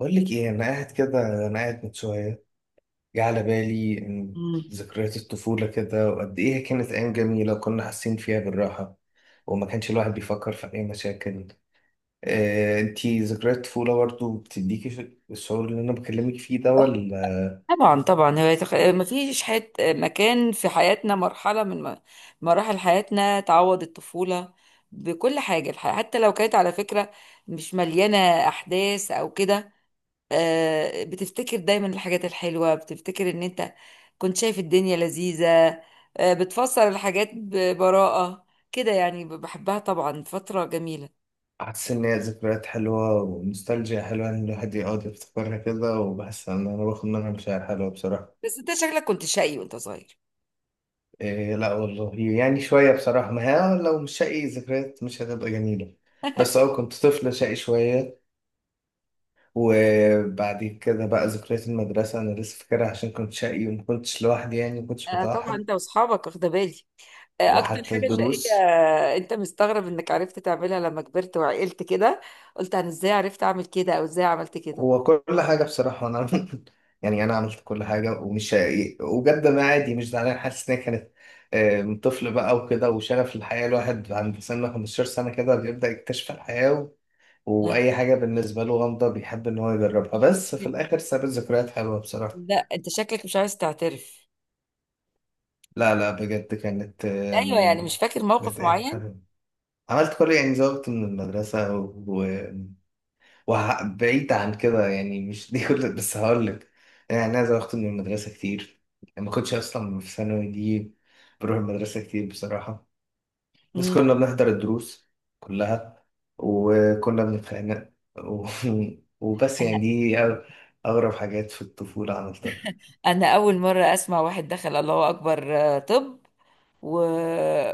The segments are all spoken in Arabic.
بقول لك ايه؟ انا قاعد كده، انا قاعد من شويه. جه على بالي إن مم. ذكريات الطفوله كده، وقد ايه هي كانت ايام جميله، وكنا حاسين فيها بالراحه، وما كانش الواحد بيفكر في اي مشاكل. آه، انتي ذكريات الطفوله برضو بتديكي الشعور اللي انا بكلمك فيه ده، آه، ولا طبعا طبعا هو يتخ... آه، ما فيش حت... مكان في حياتنا مرحلة من مراحل حياتنا تعوض الطفولة بكل حاجة حتى لو كانت على فكرة مش مليانة أحداث أو كده. بتفتكر دايما الحاجات الحلوة، بتفتكر إن أنت كنت شايف الدنيا لذيذة. بتفسر الحاجات ببراءة كده، يعني بحبها، طبعا فترة جميلة. حاسس ان هي ذكريات حلوه ونوستالجيا حلوه ان الواحد يقعد يفتكرها كده؟ وبحس ان انا باخد منها مشاعر حلوه بصراحه. بس أنت شكلك كنت شقي وأنت صغير. إيه، لا والله يعني شوية بصراحة. ما هي لو مش شقي ذكريات مش هتبقى جميلة. بس كنت طفل شقي شوية. وبعد كده بقى ذكريات المدرسة أنا لسه فاكرها عشان كنت شقي، وما كنتش لوحدي يعني، ما كنتش طبعا متوحد. أنت وأصحابك، واخدة بالي اكتر وحتى حاجه شقيه. الدروس. انت مستغرب انك عرفت تعملها لما كبرت وعقلت كده، قلت انا ازاي عرفت اعمل كده او ازاي عملت كده. هو كل حاجة بصراحة أنا يعني أنا عملت كل حاجة، ومش شقي وجد، ما عادي، مش زعلان، حاسس إن هي كانت آه، من طفل بقى وكده. وشغف الحياة الواحد عند سن 15 سنة كده بيبدأ يكتشف الحياة، آه. واي حاجه بالنسبه له غامضه بيحب ان هو يجربها، بس في الاخر ساب ذكريات حلوه بصراحه. لا انت شكلك مش عايز تعترف، لا لا، بجد كانت ايوه يعني مش آم، فاكر كانت موقف ايام معين. حلوه. عملت كل يعني، زوجت من المدرسه و... وبعيد عن كده يعني، مش دي كل، بس هقول لك يعني. انا زوجت من المدرسه كتير، ما كنتش اصلا في ثانوي دي، بروح المدرسه كتير بصراحه. بس امم. كنا بنحضر الدروس كلها، وكنا بنتخانق و... وبس انا يعني، دي أغرب حاجات في الطفولة عملتها. انا اول مره اسمع واحد دخل الله اكبر. طب و...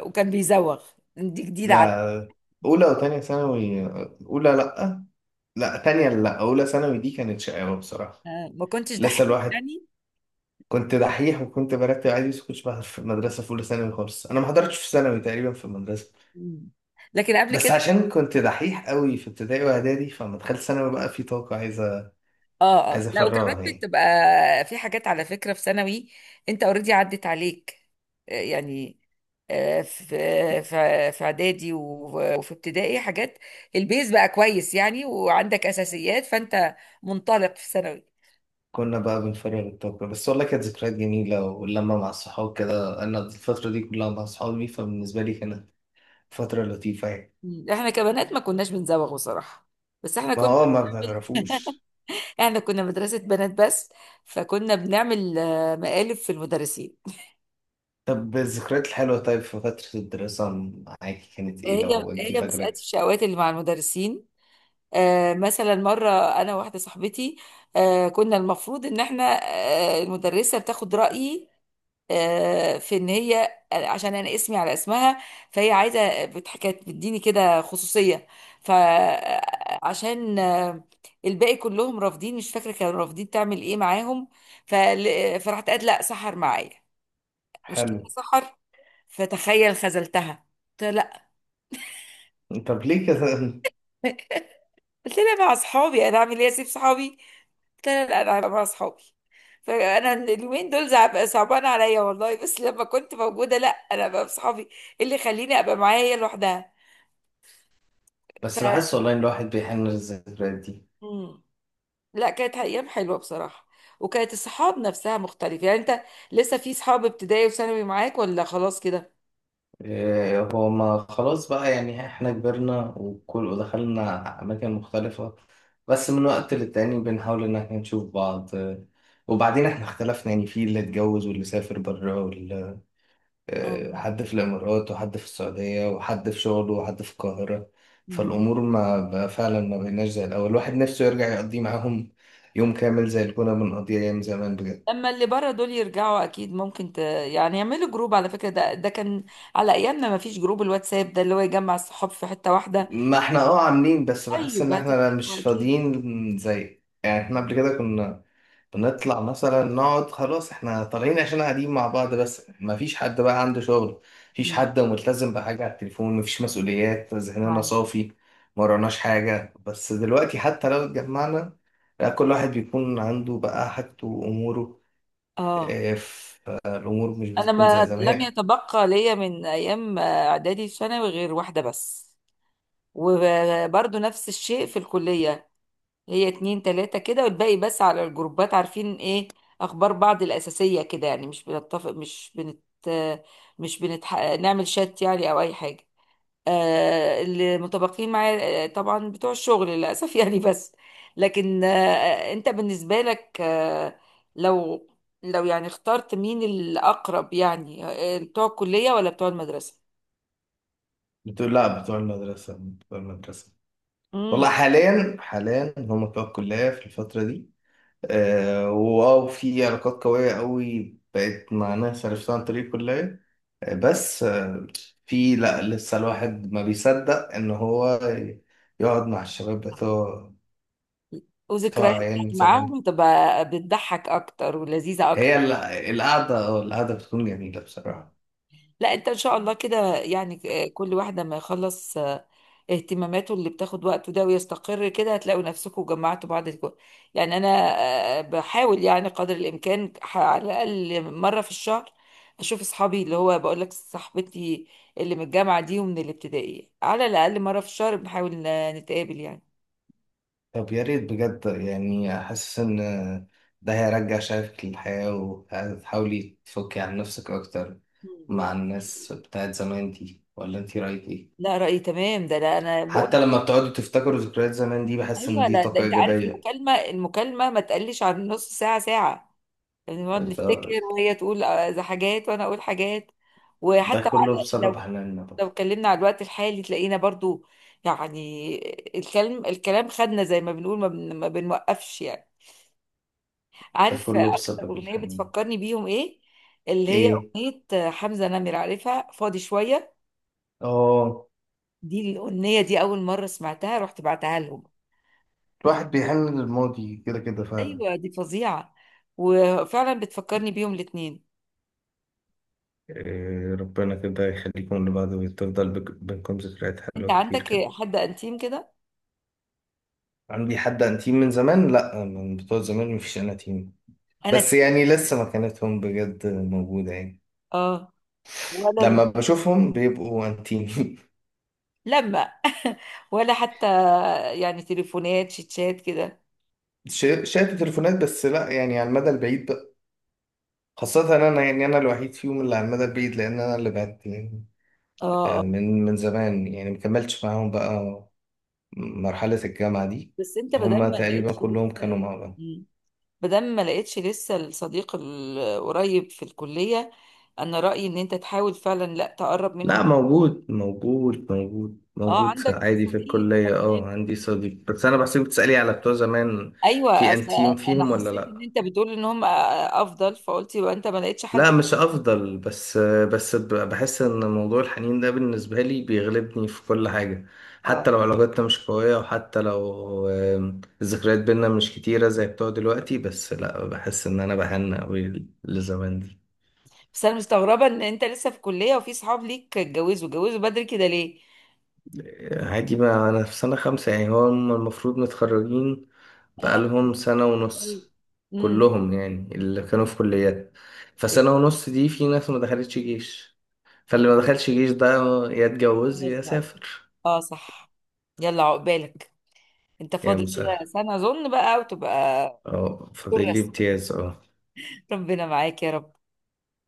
وكان بيزوغ، دي جديده علي. لا، أولى وتانية ثانوي. أولى لأ، لأ تانية، لأ أولى ثانوي دي كانت شقاوة بصراحة. ما كنتش لسه دحيح الواحد، يعني. كنت دحيح وكنت برتب عادي، بس كنتش بحضر في المدرسة في أولى ثانوي خالص، أنا ما حضرتش في ثانوي تقريبا في المدرسة. مم. لكن قبل بس كده عشان كنت دحيح قوي في ابتدائي وإعدادي، فلما دخلت ثانوي بقى في طاقة عايزة اه اه، عايزة لا وكمان أفرغها يعني. بتبقى في حاجات على فكرة في ثانوي. انت اوريدي عدت عليك. يعني آه، في في اعدادي وفي ابتدائي حاجات، البيز بقى كويس يعني، وعندك اساسيات، فانت منطلق في ثانوي. كنا بقى بنفرغ الطاقة بس، والله كانت ذكريات جميلة واللمة مع الصحاب كده، أنا الفترة دي كلها مع صحابي، فبالنسبة لي كانت فترة لطيفة يعني. مم. احنا كبنات ما كناش بنزوغ بصراحة، بس احنا ما كنا هو ما بنعمل، بنعرفوش. احنا كنا مدرسة بنات بس، فكنا بنعمل مقالب في المدرسين. طب الذكريات الحلوة، طيب في فترة الدراسة معاكي كانت إيه هي لو أنتي هي مسألة فاكرة؟ الشقوات اللي مع المدرسين. مثلا مرة أنا واحدة صاحبتي، كنا المفروض إن إحنا، المدرسة بتاخد رأيي في إن هي عشان أنا اسمي على اسمها، فهي عايزة كانت بتديني كده خصوصية، فعشان الباقي كلهم رافضين، مش فاكرة كانوا رافضين تعمل إيه معاهم. فرحت قالت لأ سحر معايا، مش كده حلو. سحر، فتخيل خذلتها. قلت لها طب ليه كده؟ لأ، قلت لها مع أصحابي، أنا أعمل إيه، أسيب صحابي؟ لا لا لا، انا هبقى مع اصحابي. فانا اليومين دول صعبان عليا والله، بس لما كنت موجوده، لا انا بقى بصحابي. إيه اللي يخليني ابقى معايا هي لوحدها؟ ف بس بحس والله إن الواحد بيحن للذكريات دي. مم. لا كانت ايام حلوه بصراحه، وكانت الصحاب نفسها مختلفه. يعني انت لسه في صحاب ابتدائي وثانوي معاك، ولا خلاص كده؟ إيه، هو ما خلاص بقى يعني، احنا كبرنا وكل ودخلنا أماكن مختلفة، بس من وقت للتاني بنحاول إن احنا نشوف بعض. إيه، وبعدين احنا اختلفنا يعني، في اللي اتجوز واللي سافر بره واللي اه. إيه، حد في الإمارات وحد في السعودية وحد في شغله وحد في القاهرة. مم. فالأمور ما بقى فعلا، ما بقيناش زي الأول الواحد نفسه يرجع يقضي معاهم يوم كامل زي اللي كنا بنقضيه أيام زمان بجد. لما اللي بره دول يرجعوا اكيد ممكن يعني يعملوا جروب، على فكره ده ده كان على ايامنا ما فيش جروب الواتساب ده اللي هو يجمع الصحاب في حته واحده. ما احنا اه عاملين، بس بحس طيب ان احنا مش هتتفقوا اكيد. فاضيين زي يعني، احنا قبل كده كنا بنطلع مثلا نقعد خلاص احنا طالعين عشان قاعدين مع بعض، بس ما فيش حد بقى عنده شغل، مفيش مم. حد ملتزم بحاجة على التليفون، مفيش مسؤوليات، ذهننا معي. صافي، ما وراناش حاجة. بس دلوقتي حتى لو اتجمعنا، لا، كل واحد بيكون عنده بقى حاجته وأموره. اه. اه، فالأمور مش انا بتكون زي ما لم زمان. يتبقى ليا من ايام اعدادي ثانوي غير واحده بس، وبرضو نفس الشيء في الكليه، هي اتنين تلاته كده، والباقي بس على الجروبات، عارفين ايه اخبار بعض الاساسيه كده يعني. مش بنتفق، مش بنت مش بنتح... نعمل شات يعني او اي حاجه. اللي متبقين معايا طبعا بتوع الشغل للأسف يعني. بس لكن انت بالنسبة لك لو يعني اخترت مين الأقرب يعني، بتوع الكلية ولا بتوع المدرسة؟ بتقول لا، بتوع المدرسة، بتوع المدرسة. والله امم. حاليا حاليا هم بتوع الكلية في الفترة دي. آه واو، في علاقات قوية قوي بقت مع ناس عرفتها عن طريق الكلية. آه بس آه، في لا، لسه الواحد ما بيصدق إن هو يقعد مع الشباب بتوع وذكرياتك أيام زمان. معاهم تبقى بتضحك أكتر ولذيذة هي أكتر. القعدة القعدة بتكون جميلة مم. بصراحة. لا انت ان شاء الله كده يعني، كل واحدة ما يخلص اهتماماته اللي بتاخد وقته ده ويستقر كده، هتلاقوا نفسكم جمعتوا بعض يعني انا بحاول يعني قدر الامكان، على الاقل مره في الشهر اشوف اصحابي، اللي هو بقول لك صاحبتي اللي من الجامعه دي ومن الابتدائي، على الاقل مره في الشهر بنحاول نتقابل يعني. طب يا ريت بجد يعني، حاسس ان ده هيرجع شغفك للحياة، وهتحاولي تفكي عن نفسك اكتر مم. مع دي حقيقة. الناس بتاعت زمان دي، ولا انتي رايك ايه؟ لا رأيي تمام ده، لا انا حتى بقول لما بتقعدوا تفتكروا ذكريات زمان دي بحس ان ايوه. دي لا ده طاقة انت عارف ايجابية. المكالمه، ما تقلش عن نص ساعه ساعه، يعني نقعد ده نفتكر، وهي تقول حاجات وانا اقول حاجات. ده وحتى كله بسبب حناننا لو بقى. اتكلمنا على الوقت الحالي تلاقينا برضو يعني، الكلام خدنا زي ما بنقول، ما بنوقفش يعني. ده عارف كله اكتر بسبب اغنيه الحنين. بتفكرني بيهم ايه؟ اللي هي ايه؟ اغنيه حمزه نمر، عارفها، فاضي شويه. اه، دي الاغنيه، دي اول مره سمعتها رحت بعتها لهم، قلت الواحد بيحن للماضي كده كده فعلا. ايوه دي فظيعه، وفعلا بتفكرني بيهم الاتنين. إيه، ربنا كده يخليكم لبعض، وتفضل بينكم ذكريات انت حلوة كتير عندك كده. حد انتيم كده؟ عندي حد انتيم من زمان؟ لا، من بتوع زمان مفيش اناتيم، انا بس تيم. يعني لسه مكانتهم بجد موجودة يعني. اه. ولا لما بشوفهم بيبقوا انتيم. لما ولا حتى يعني تليفونات شيتشات كده؟ شاتوا تليفونات بس، لا يعني على المدى البعيد بقى، خاصة أنا يعني، أنا الوحيد فيهم اللي على المدى البعيد، لأن أنا اللي بعدت يعني اه اه. آه، من زمان يعني، مكملتش معاهم بقى مرحلة الجامعة دي. بس انت بدل هما ما تقريبا لقيتش كلهم لسه، كانوا مع بعض. مم، بدل ما لقيتش لسه الصديق القريب في الكلية، انا رأيي ان انت تحاول فعلا لا تقرب لا، منهم. موجود موجود موجود اه موجود عندك عادي في صديق، طب الكلية، حلو اه عندي جدا. صديق، بس أنا بحسك بتسألي على بتوع زمان. ايوه في اصل أنتيم انا فيهم ولا حسيت ان لأ؟ انت بتقول ان هم افضل، فقلت يبقى انت ما لقيتش لا حد. مش أفضل، بس بحس إن موضوع الحنين ده بالنسبة لي بيغلبني في كل حاجة، اه. حتى لو علاقتنا مش قوية، وحتى لو الذكريات بينا مش كتيرة زي بتوع دلوقتي، بس لا بحس إن أنا بحن أوي لزمان دي. بس انا مستغربة ان انت لسه في كلية وفي صحاب ليك اتجوزوا، اتجوزوا بدري كده ليه؟ عادي بقى، أنا في سنة 5 يعني، هو هم المفروض متخرجين اه. بقالهم سنة طيب. ونص. امم. كلهم يعني اللي كانوا في كليات، فسنة ونص دي في ناس ما دخلتش جيش، فاللي ما دخلش جيش ده يا اتجوز خلاص يا بقى. سافر. اه صح. يلا عقبالك، انت يا فاضل كده مسهل. سنة اظن بقى وتبقى اه، دكتور فاضل لي رسم. امتياز اه. ربنا معاك يا رب.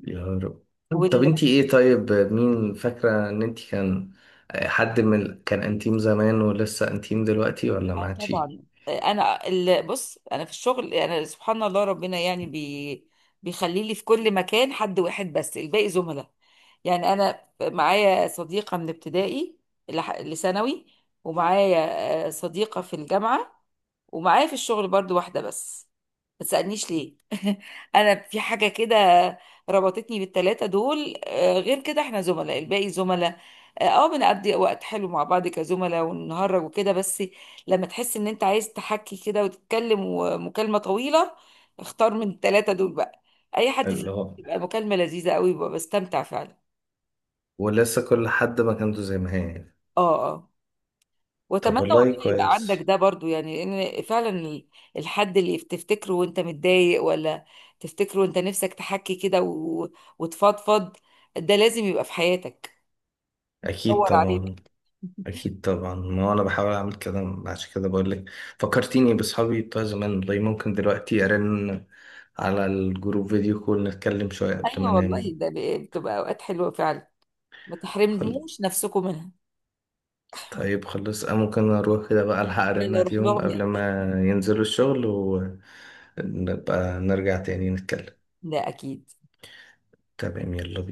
يا رب. طب وال انتي ايه طيب، مين فاكرة ان انتي كان حد من كان انتيم زمان ولسه انتيم دلوقتي، ولا ما اه عادش؟ طبعا. بص، انا في الشغل انا سبحان الله ربنا يعني بيخلي لي في كل مكان حد واحد، بس الباقي زملاء. يعني انا معايا صديقة من ابتدائي لثانوي، ومعايا صديقة في الجامعة، ومعايا في الشغل برضو واحدة بس. ما تسألنيش ليه، انا في حاجه كده ربطتني بالثلاثه دول. غير كده احنا زملاء، الباقي زملاء. اه، بنقضي وقت حلو مع بعض كزملاء ونهرج وكده، بس لما تحس ان انت عايز تحكي كده وتتكلم ومكالمه طويله، اختار من الثلاثه دول بقى، اي حد اللي فيهم، هو بتبقى مكالمه لذيذه قوي، ببقى بستمتع فعلا. ولسه كل حد مكانته زي ما هي يعني. اه اه. طب واتمنى والله والله يبقى عندك كويس. ده برضو، يعني ان فعلا الحد اللي تفتكره وانت متضايق، ولا تفتكره وانت نفسك تحكي كده وتفضفض، ده لازم يبقى في حياتك. اكيد دور عليه بقى. طبعا. اكيد طبعا، ما انا بحاول اعمل كده، عشان كده بقول لك. فكرتيني باصحابي بتوع زمان، والله ممكن دلوقتي ارن على الجروب فيديو كول نتكلم شويه قبل ما ايوه والله انام. ده بتبقى اوقات حلوه فعلا، ما خل... تحرموش نفسكم منها. طيب خلاص أنا ممكن اروح كده بقى، الحق ارن يلا روح عليهم لهم قبل يلا. ما ينزلوا الشغل، ونبقى نرجع تاني نتكلم. ده اكيد. تمام يلا بينا.